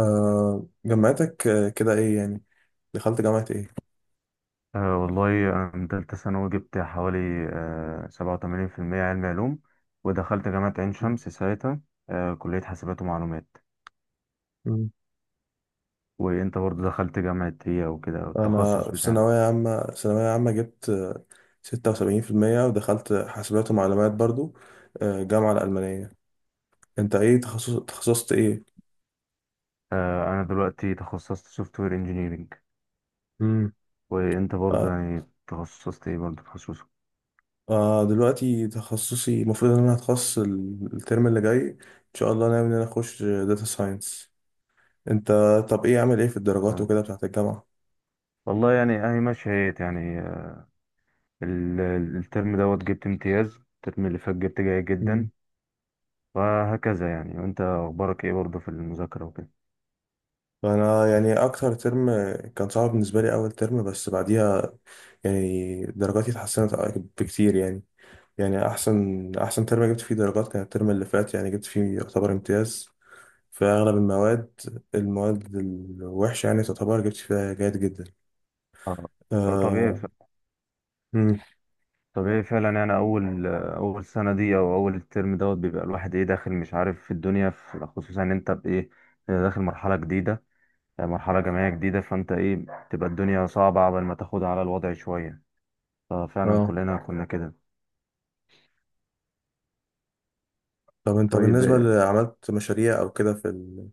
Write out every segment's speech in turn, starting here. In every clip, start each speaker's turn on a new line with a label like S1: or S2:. S1: جامعتك، كده ايه يعني. دخلت جامعة ايه؟
S2: والله أنا تالتة ثانوي جبت حوالي سبعة وتمانين في المية، علمي علوم. ودخلت جامعة عين شمس ساعتها، كلية حاسبات ومعلومات.
S1: مم.
S2: وأنت برضه دخلت جامعة هي وكده؟
S1: انا
S2: التخصص
S1: في
S2: بتاعك؟
S1: ثانوية عامة، جبت 76%، ودخلت حاسبات ومعلومات برضو. جامعة الألمانية. انت ايه تخصصت ايه؟
S2: أنا دلوقتي تخصصت سوفت وير انجينيرنج.
S1: امم.
S2: وأنت برضه
S1: آه.
S2: يعني تخصصت إيه؟ برضه تخصصك؟
S1: دلوقتي تخصصي المفروض ان انا هتخصص الترم اللي جاي، ان شاء الله ناوي ان انا اخش داتا ساينس. انت؟ طب ايه عامل ايه في الدرجات وكده
S2: أه
S1: بتاعت الجامعة؟
S2: والله يعني أهي ماشية هيت يعني. الترم دوت جبت امتياز، الترم اللي فات جبت جيد جدا وهكذا يعني. وأنت أخبارك إيه برضه في المذاكرة وكده؟
S1: انا يعني اكتر ترم كان صعب بالنسبه لي اول ترم، بس بعديها يعني درجاتي اتحسنت بكتير يعني. يعني احسن ترم جبت فيه درجات كان الترم اللي فات، يعني جبت فيه يعتبر امتياز في اغلب المواد. المواد الوحشه يعني تعتبر جبت فيها جيد جدا.
S2: آه، طبيعي.
S1: آه. مم.
S2: طبيعي فعلا يعني. اول اول سنه دي او اول الترم دوت بيبقى الواحد ايه، داخل مش عارف في الدنيا، في خصوصا ان انت بايه، داخل مرحله جديده، يعني مرحله جامعيه جديده، فانت ايه، تبقى الدنيا صعبه قبل ما تاخدها على الوضع شويه. ففعلا
S1: اه،
S2: كلنا كنا كده.
S1: طب انت
S2: طيب،
S1: بالنسبه اللي عملت مشاريع او كده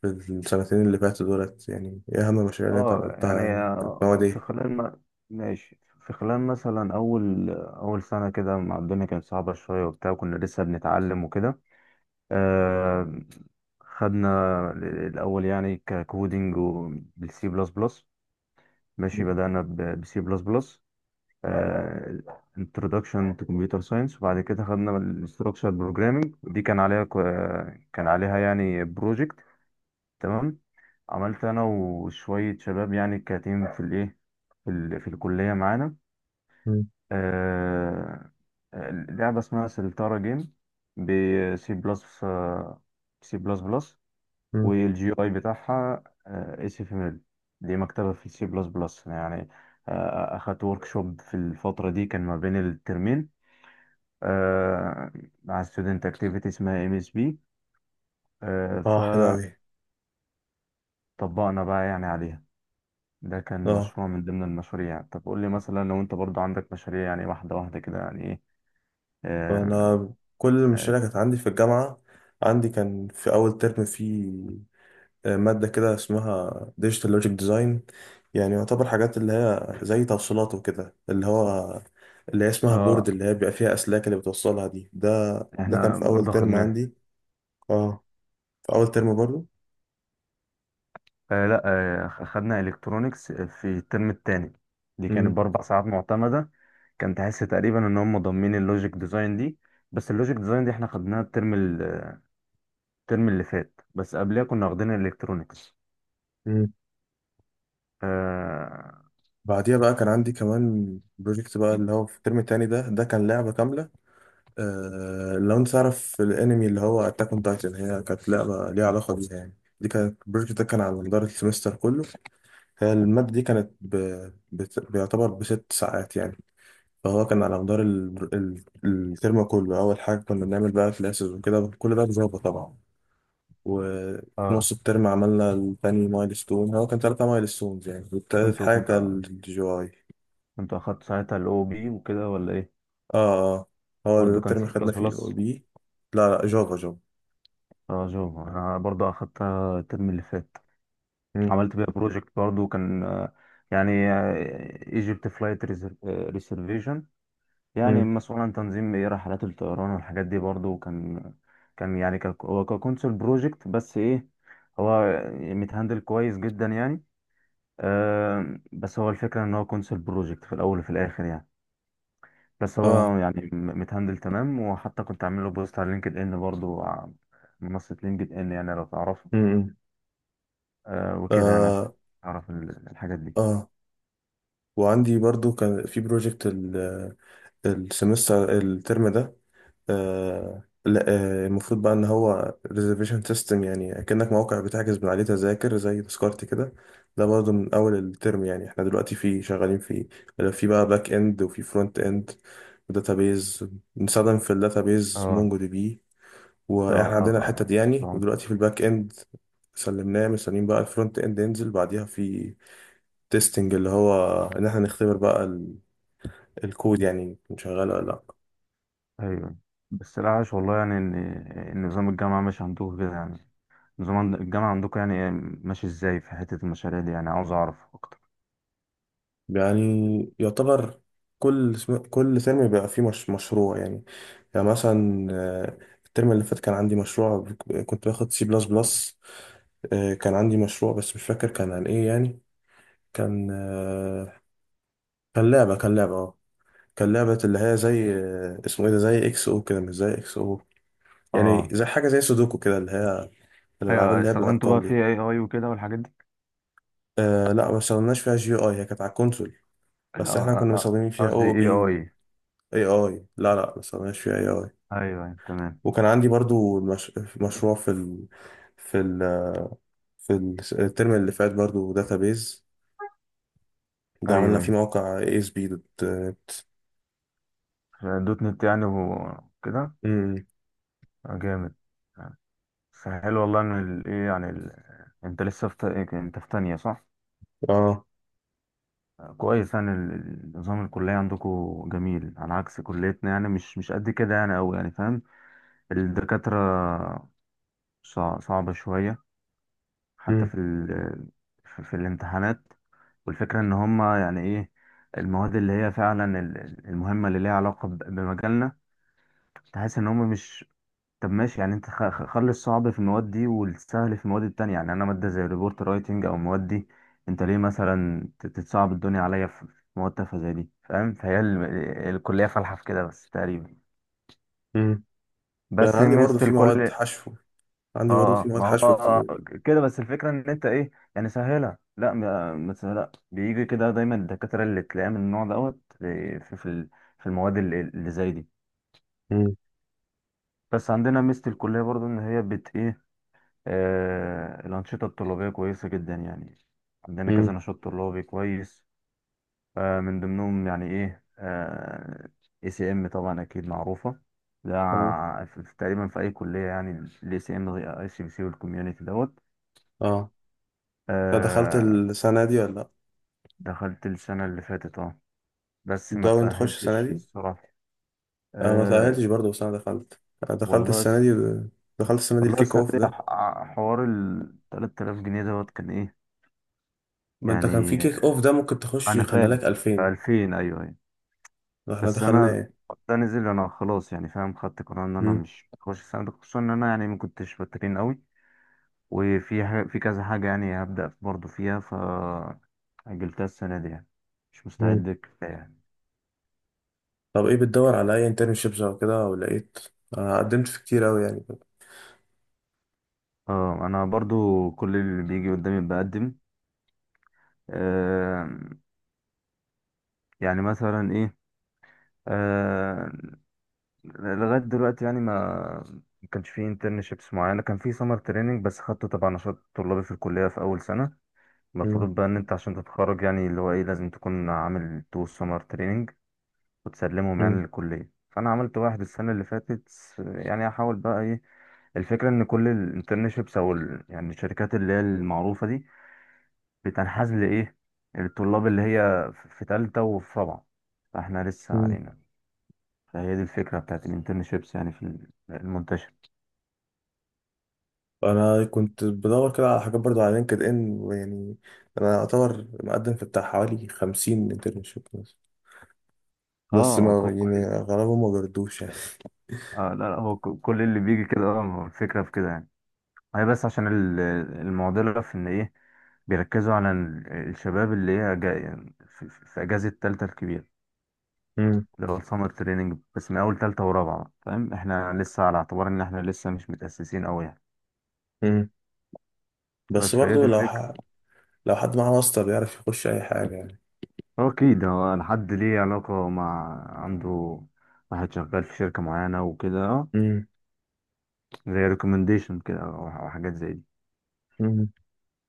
S1: في السنتين اللي فاتوا دولت، يعني ايه اهم المشاريع اللي انت عملتها؟
S2: يعني،
S1: يعني كانت مواد
S2: في
S1: ايه؟
S2: خلال ما ماشي، في خلال مثلا اول اول سنه كده مع الدنيا كانت صعبه شويه وبتاع، كنا لسه بنتعلم وكده. آه، خدنا الأول يعني ككودينج وبالسي بلس بلس. ماشي، بدأنا بسي بلس بلس، introduction to computer science. وبعد كده خدنا ال structured programming دي، كان عليها كان عليها يعني بروجكت. تمام، عملت أنا وشوية شباب يعني كتيم في الإيه، في الكلية معانا،
S1: مم.
S2: آه، لعبة اسمها سلتارا جيم، بسي بلس سي بلس بلس،
S1: مم.
S2: والجي اي بتاعها اس اف ام ال، دي مكتبه في سي بلس بلس يعني. اخدت ورك شوب في الفتره دي كان ما بين الترمين، آه، مع ستودنت اكتيفيتي اسمها ام اس بي،
S1: اه حلو
S2: فطبقنا
S1: اوي.
S2: بقى يعني عليها. ده كان
S1: اه
S2: مشروع من ضمن المشاريع. طب قول لي مثلا لو انت برضو عندك مشاريع يعني، واحدة واحدة كده، يعني ايه؟ اه
S1: انا كل المشاريع كانت عندي في الجامعه. عندي كان في اول ترم في ماده كده اسمها ديجيتال لوجيك ديزاين، يعني يعتبر حاجات اللي هي زي توصيلات وكده، اللي هو اللي هي اسمها بورد
S2: آه،
S1: اللي هي بيبقى فيها اسلاك اللي بتوصلها دي ده. ده كان
S2: احنا
S1: في اول
S2: برضو
S1: ترم
S2: خدناه.
S1: عندي، اه، في اول ترم برضو.
S2: آه لا آه خدنا الكترونكس في الترم التاني، دي كانت
S1: مم.
S2: باربع ساعات معتمدة. كان تحس تقريبا ان هم ضامنين اللوجيك ديزاين دي، بس اللوجيك ديزاين دي احنا خدناها الترم اللي فات، بس قبلها كنا واخدين الالكترونكس.
S1: مم.
S2: اه
S1: بعديها بقى كان عندي كمان بروجكت بقى اللي هو في الترم التاني ده. ده كان لعبه كامله. آه، لو انت تعرف الانمي اللي هو اتاك اون تايتن، هي كانت لعبه ليها علاقه بيها يعني. دي كانت البروجكت. ده كان على مدار السمستر كله. هي الماده دي كانت بيعتبر بست ساعات يعني. فهو كان على مدار الترم كله. اول حاجه كنا بنعمل بقى كلاسز وكده، كل ده بجافا طبعا. وفي
S2: اه.
S1: نص الترم عملنا التاني مايلستون، هو كان 3 مايلستونز يعني، والتالت
S2: كنت
S1: حاجه
S2: كنت آه،
S1: كان الجي اي.
S2: كنت اخدت ساعتها الاو بي وكده ولا ايه؟
S1: اه اه، هو ده
S2: برضه كان
S1: الترم
S2: سي
S1: خدنا
S2: بلس
S1: فيه الاو
S2: بلس؟
S1: بي. لا لا، جافا جافا.
S2: اه، جو، انا برضه اخدتها الترم اللي فات.
S1: مم.
S2: عملت بيها بروجكت برضه، كان يعني ايجيبت فلايت ريزرفيشن، يعني
S1: مم.
S2: مسؤول عن تنظيم ايه، رحلات الطيران والحاجات دي برضو. كان كان يعني هو ككونسول بروجكت بس ايه، هو متهندل كويس جدا يعني. آه بس هو الفكرة ان هو كونسول بروجكت في الاول وفي الاخر يعني، بس
S1: اه.
S2: هو يعني متهندل تمام. وحتى كنت عامل له بوست على لينكد ان برضو منصة لينكد ان، يعني لو تعرفه.
S1: امم.
S2: آه وكده يعني، عشان
S1: آه.
S2: اعرف الحاجات دي.
S1: آه، وعندي برضو كان في بروجكت السمستر الترم ده. آه لا. آه المفروض بقى ان هو ريزرفيشن سيستم، يعني كأنك موقع بتحجز من عليه تذاكر زي تذكرتي كده. ده برضو من اول الترم يعني. احنا دلوقتي فيه شغالين فيه. في بقى باك اند وفي فرونت اند وداتابيز. بنستخدم في الداتابيز
S2: اه
S1: مونجو دي بي.
S2: اه
S1: واحنا
S2: اه
S1: عندنا الحتة دي يعني،
S2: آه.
S1: ودلوقتي في الباك اند سلمناه، مستنيين بقى الفرونت اند ينزل بعديها. في تيستنج اللي هو ان احنا نختبر بقى الكود، يعني كان شغال ولا لا.
S2: ايوه. بس العاش والله يعني ان، إن نظام الجامعة مش عندكم كده يعني؟ نظام الجامعة عندكم يعني إيه؟ ماشي ازاي في حتة المشاريع دي؟ يعني عاوز اعرف اكتر.
S1: يعني يعتبر كل ترم بيبقى فيه مش مشروع يعني. يعني مثلا الترم اللي فات كان عندي مشروع، كنت باخد سي بلس بلس. كان عندي مشروع بس مش فاكر كان عن ايه يعني. كان كان لعبة اه كان لعبة اللي هي زي اسمه ايه ده، زي اكس او كده. مش زي اكس او، يعني
S2: اه،
S1: زي حاجة زي سودوكو كده، اللي هي الألعاب
S2: ايوه،
S1: اللي هي
S2: استخدمتوا
S1: بالأرقام
S2: بقى في
S1: دي.
S2: اي اي وكده والحاجات دي؟
S1: آه لا، ما استخدمناش فيها جي اي. هي كانت على الكونسول،
S2: آه،
S1: بس احنا كنا
S2: آه، آه،
S1: مستخدمين فيها
S2: قصدي
S1: او
S2: اي
S1: بي و...
S2: اي.
S1: اي اي، لا لا ما استخدمناش فيها اي اي.
S2: ايوه أيوة، تمام.
S1: وكان عندي برضو مش... مشروع في ال... الترم اللي فات برضو، داتابيز. ده عملنا
S2: ايوه
S1: فيه موقع اي اس بي دوت.
S2: أيوة. دوت نت يعني وكده؟
S1: امم.
S2: آه، جامد. آه، بس حلو والله ان ايه يعني ال... انت لسه في إيه، انت في تانية صح؟
S1: اه.
S2: آه، كويس يعني، نظام الكلية عندكم جميل، على عكس كليتنا يعني، مش مش قد كده يعني أوي، يعني فاهم، الدكاترة صعبة شوية، حتى
S1: امم.
S2: في ال... في في الامتحانات. والفكرة ان هما يعني ايه، المواد اللي هي فعلا المهمة اللي ليها علاقة بمجالنا، تحس ان هما مش. طب ماشي يعني، انت خلي الصعب في المواد دي والسهل في المواد التانية. يعني انا مادة زي الريبورت رايتنج او المواد دي، انت ليه مثلا تتصعب الدنيا عليا في في مواد تافهة زي دي، فاهم؟ فهي ال... الكلية فالحة في كده بس تقريبا.
S1: امم. ده انا
S2: بس ميزة الكل،
S1: عندي برضو
S2: اه
S1: في
S2: اه
S1: مواد
S2: ما هو
S1: حشو
S2: آه،
S1: كتير.
S2: آه، كده. بس الفكرة ان انت ايه يعني سهلها، لا ما سهلها، بيجي كده دايما الدكاترة اللي تلاقيها من النوع دوت في في في المواد اللي اللي زي دي.
S1: امم.
S2: بس عندنا ميزة الكلية برضو ان هي بت ايه، آه، الأنشطة الطلابية كويسة جدا يعني. عندنا كذا
S1: امم.
S2: نشاط طلابي كويس. آه، من ضمنهم يعني ايه، اي سي ام طبعا اكيد معروفة، ده
S1: اه
S2: تقريبا في اي كلية يعني. الاي سي ام، اي سي بي سي، والكوميونتي دوت.
S1: اه. أنت دخلت
S2: آه،
S1: السنة دي ولا لا؟
S2: دخلت السنة اللي فاتت اه، بس ما
S1: بتدور تخش السنة
S2: تأهلتش
S1: دي؟
S2: الصراحة.
S1: انا ما
S2: أه.
S1: تأهلتش برضه، بس انا دخلت
S2: والله
S1: السنه
S2: س...
S1: دي.
S2: والله
S1: الكيك
S2: السنة
S1: اوف
S2: دي
S1: ده.
S2: حوار ال 3000 جنيه دوت، كان ايه
S1: ما انت كان في
S2: يعني.
S1: كيك اوف ده ممكن تخش
S2: أنا
S1: يخلي
S2: فاهم.
S1: لك 2000.
S2: 2000، أيوه أيوه،
S1: احنا
S2: بس
S1: دخلنا
S2: أنا
S1: ايه؟
S2: ده نزل، أنا خلاص يعني، فاهم، خدت قرار إن أنا
S1: مم.
S2: مش هخش السنة دي، خصوصا إن أنا يعني ما كنتش بترين قوي، وفي ح... في كذا حاجة يعني هبدأ برضه فيها، فأجلتها السنة دي يعني. مش
S1: مم.
S2: مستعد كفاية يعني.
S1: طب ايه بتدور على اي انترنشيبس او كده ولقيت؟ انا قدمت في كتير قوي يعني.
S2: اه، أنا برضو كل اللي بيجي قدامي بقدم. آه، يعني مثلا ايه، آه، لغايه دلوقتي يعني ما ما كانش في انترنشيبس معينه، كان في سمر تريننج بس خدته تبع نشاط طلابي في الكليه في اول سنه.
S1: مم.
S2: المفروض بقى ان انت عشان تتخرج يعني اللي هو ايه، لازم تكون عامل تو سمر تريننج وتسلمهم يعني
S1: مم.
S2: للكليه، فانا عملت واحد السنه اللي فاتت. يعني احاول بقى ايه. الفكره ان كل الانترنشيبس او يعني الشركات اللي هي المعروفه دي، بتنحاز لايه، الطلاب اللي هي في في تالتة وفي رابعة، فاحنا لسه
S1: مم.
S2: علينا. فهي دي الفكرة بتاعت الانترنشيبس يعني في المنتشر.
S1: انا كنت بدور كده على حاجات برضه على لينكد ان، ويعني انا اعتبر مقدم في بتاع حوالي 50 انترنشيب بس، بس ما يعني
S2: كل
S1: غالبا ما بيردوش يعني.
S2: آه لا لا هو كل اللي بيجي كده اه، هو الفكرة في كده يعني. هي بس عشان المعضلة في ان ايه، بيركزوا على الشباب اللي هي جاي في في اجازة التالتة الكبيرة،
S1: مم.
S2: اللي هو السمر تريننج، بس من اول تالتة ورابعة بقى، فاهم، احنا لسه على اعتبار ان احنا لسه مش متأسسين اوي يعني.
S1: مم.
S2: بس
S1: بس
S2: فهي
S1: برضه
S2: دي الفكرة.
S1: لو حد معاه واسطة بيعرف يخش أي حاجة يعني.
S2: هو اكيد هو الحد ليه علاقة مع، عنده واحد شغال في شركة معينة وكده، آه،
S1: امم.
S2: زي ريكومنديشن كده او أو حاجات زي دي.
S1: امم.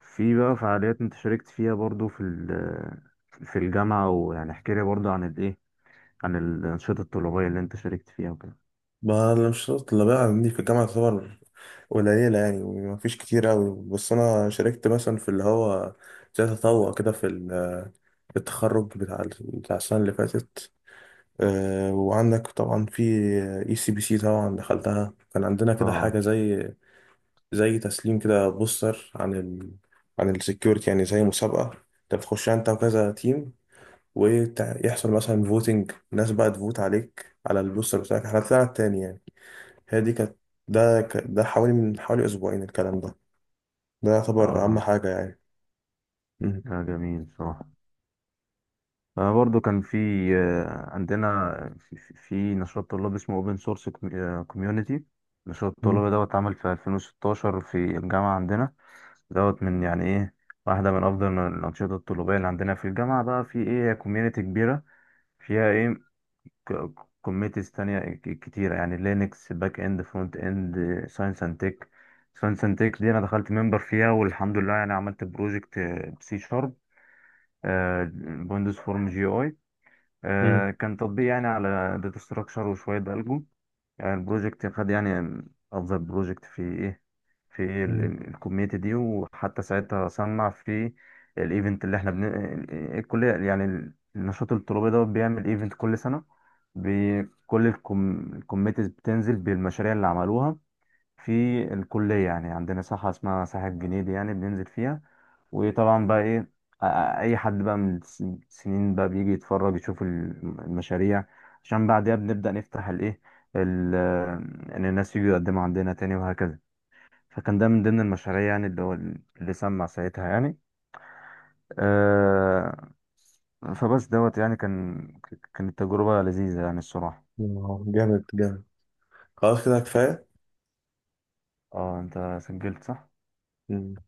S2: في بقى فعاليات انت شاركت فيها برضو في في الجامعة ويعني احكي لي برضو عن الايه، عن الأنشطة الطلابية اللي انت شاركت فيها وكده.
S1: ما أنا مش شرط اللي بقى عندي في الجامعة، تعتبر قليلة يعني ومفيش كتير أوي، بس أنا شاركت مثلا في اللي هو زي تطوع كده في التخرج بتاع بتاع السنة اللي فاتت. وعندك طبعا في اي سي بي سي طبعا دخلتها. كان عندنا كده
S2: اه
S1: حاجة زي تسليم كده بوستر عن ال عن السكيورتي، يعني زي مسابقة انت بتخش انت وكذا تيم، ويحصل مثلا فوتنج الناس بقى تفوت عليك على البوستر بتاعك. احنا طلعنا التاني يعني. هي دي كانت. ده حوالي من حوالي اسبوعين الكلام ده. ده يعتبر اهم
S2: اه.
S1: حاجة يعني. مم.
S2: ده جميل بصراحة. أنا برضو كان في، آه، عندنا في في نشاط طلاب اسمه اوبن سورس كوميونيتي، نشاط
S1: مم.
S2: الطلاب دوت اتعمل في 2016 في الجامعة عندنا. دوت من يعني ايه، واحدة من أفضل الأنشطة الطلابية اللي عندنا في الجامعة بقى، في ايه، كوميونيتي كبيرة فيها ايه، كوميتيز تانية كتيرة يعني، لينكس، باك اند، فرونت اند، ساينس اند تك. ساينس اند تك دي انا دخلت ممبر فيها والحمد لله، يعني عملت بروجكت بسي شارب، ويندوز فورم جي اي،
S1: مم.
S2: كان تطبيق يعني على داتا ستراكشر وشوية الجو. يعني البروجكت خد يعني افضل بروجكت في ايه، في إيه
S1: مم.
S2: الكوميونتي دي، وحتى ساعتها صنع في الايفنت اللي احنا بن... آه، الكليه يعني النشاط الطلابي ده بيعمل ايفنت كل سنه، بكل الكوم... الكوميتيز بتنزل بالمشاريع اللي عملوها في الكلية. يعني عندنا ساحة اسمها ساحة جنيدي، يعني بننزل فيها. وطبعا بقى ايه آ- اي حد بقى من السنين بقى بيجي يتفرج يشوف المشاريع، عشان بعدها بنبدأ نفتح الايه، ال-، ان الناس يجوا يقدموا عندنا تاني وهكذا. فكان ده من ضمن المشاريع يعني، اللي هو اللي سمع ساعتها يعني. آه، فبس دوت يعني، كان كانت تجربة لذيذة يعني الصراحة.
S1: جامد جامد. خلاص كده كفاية.
S2: اه انت سجلت صح؟
S1: مم.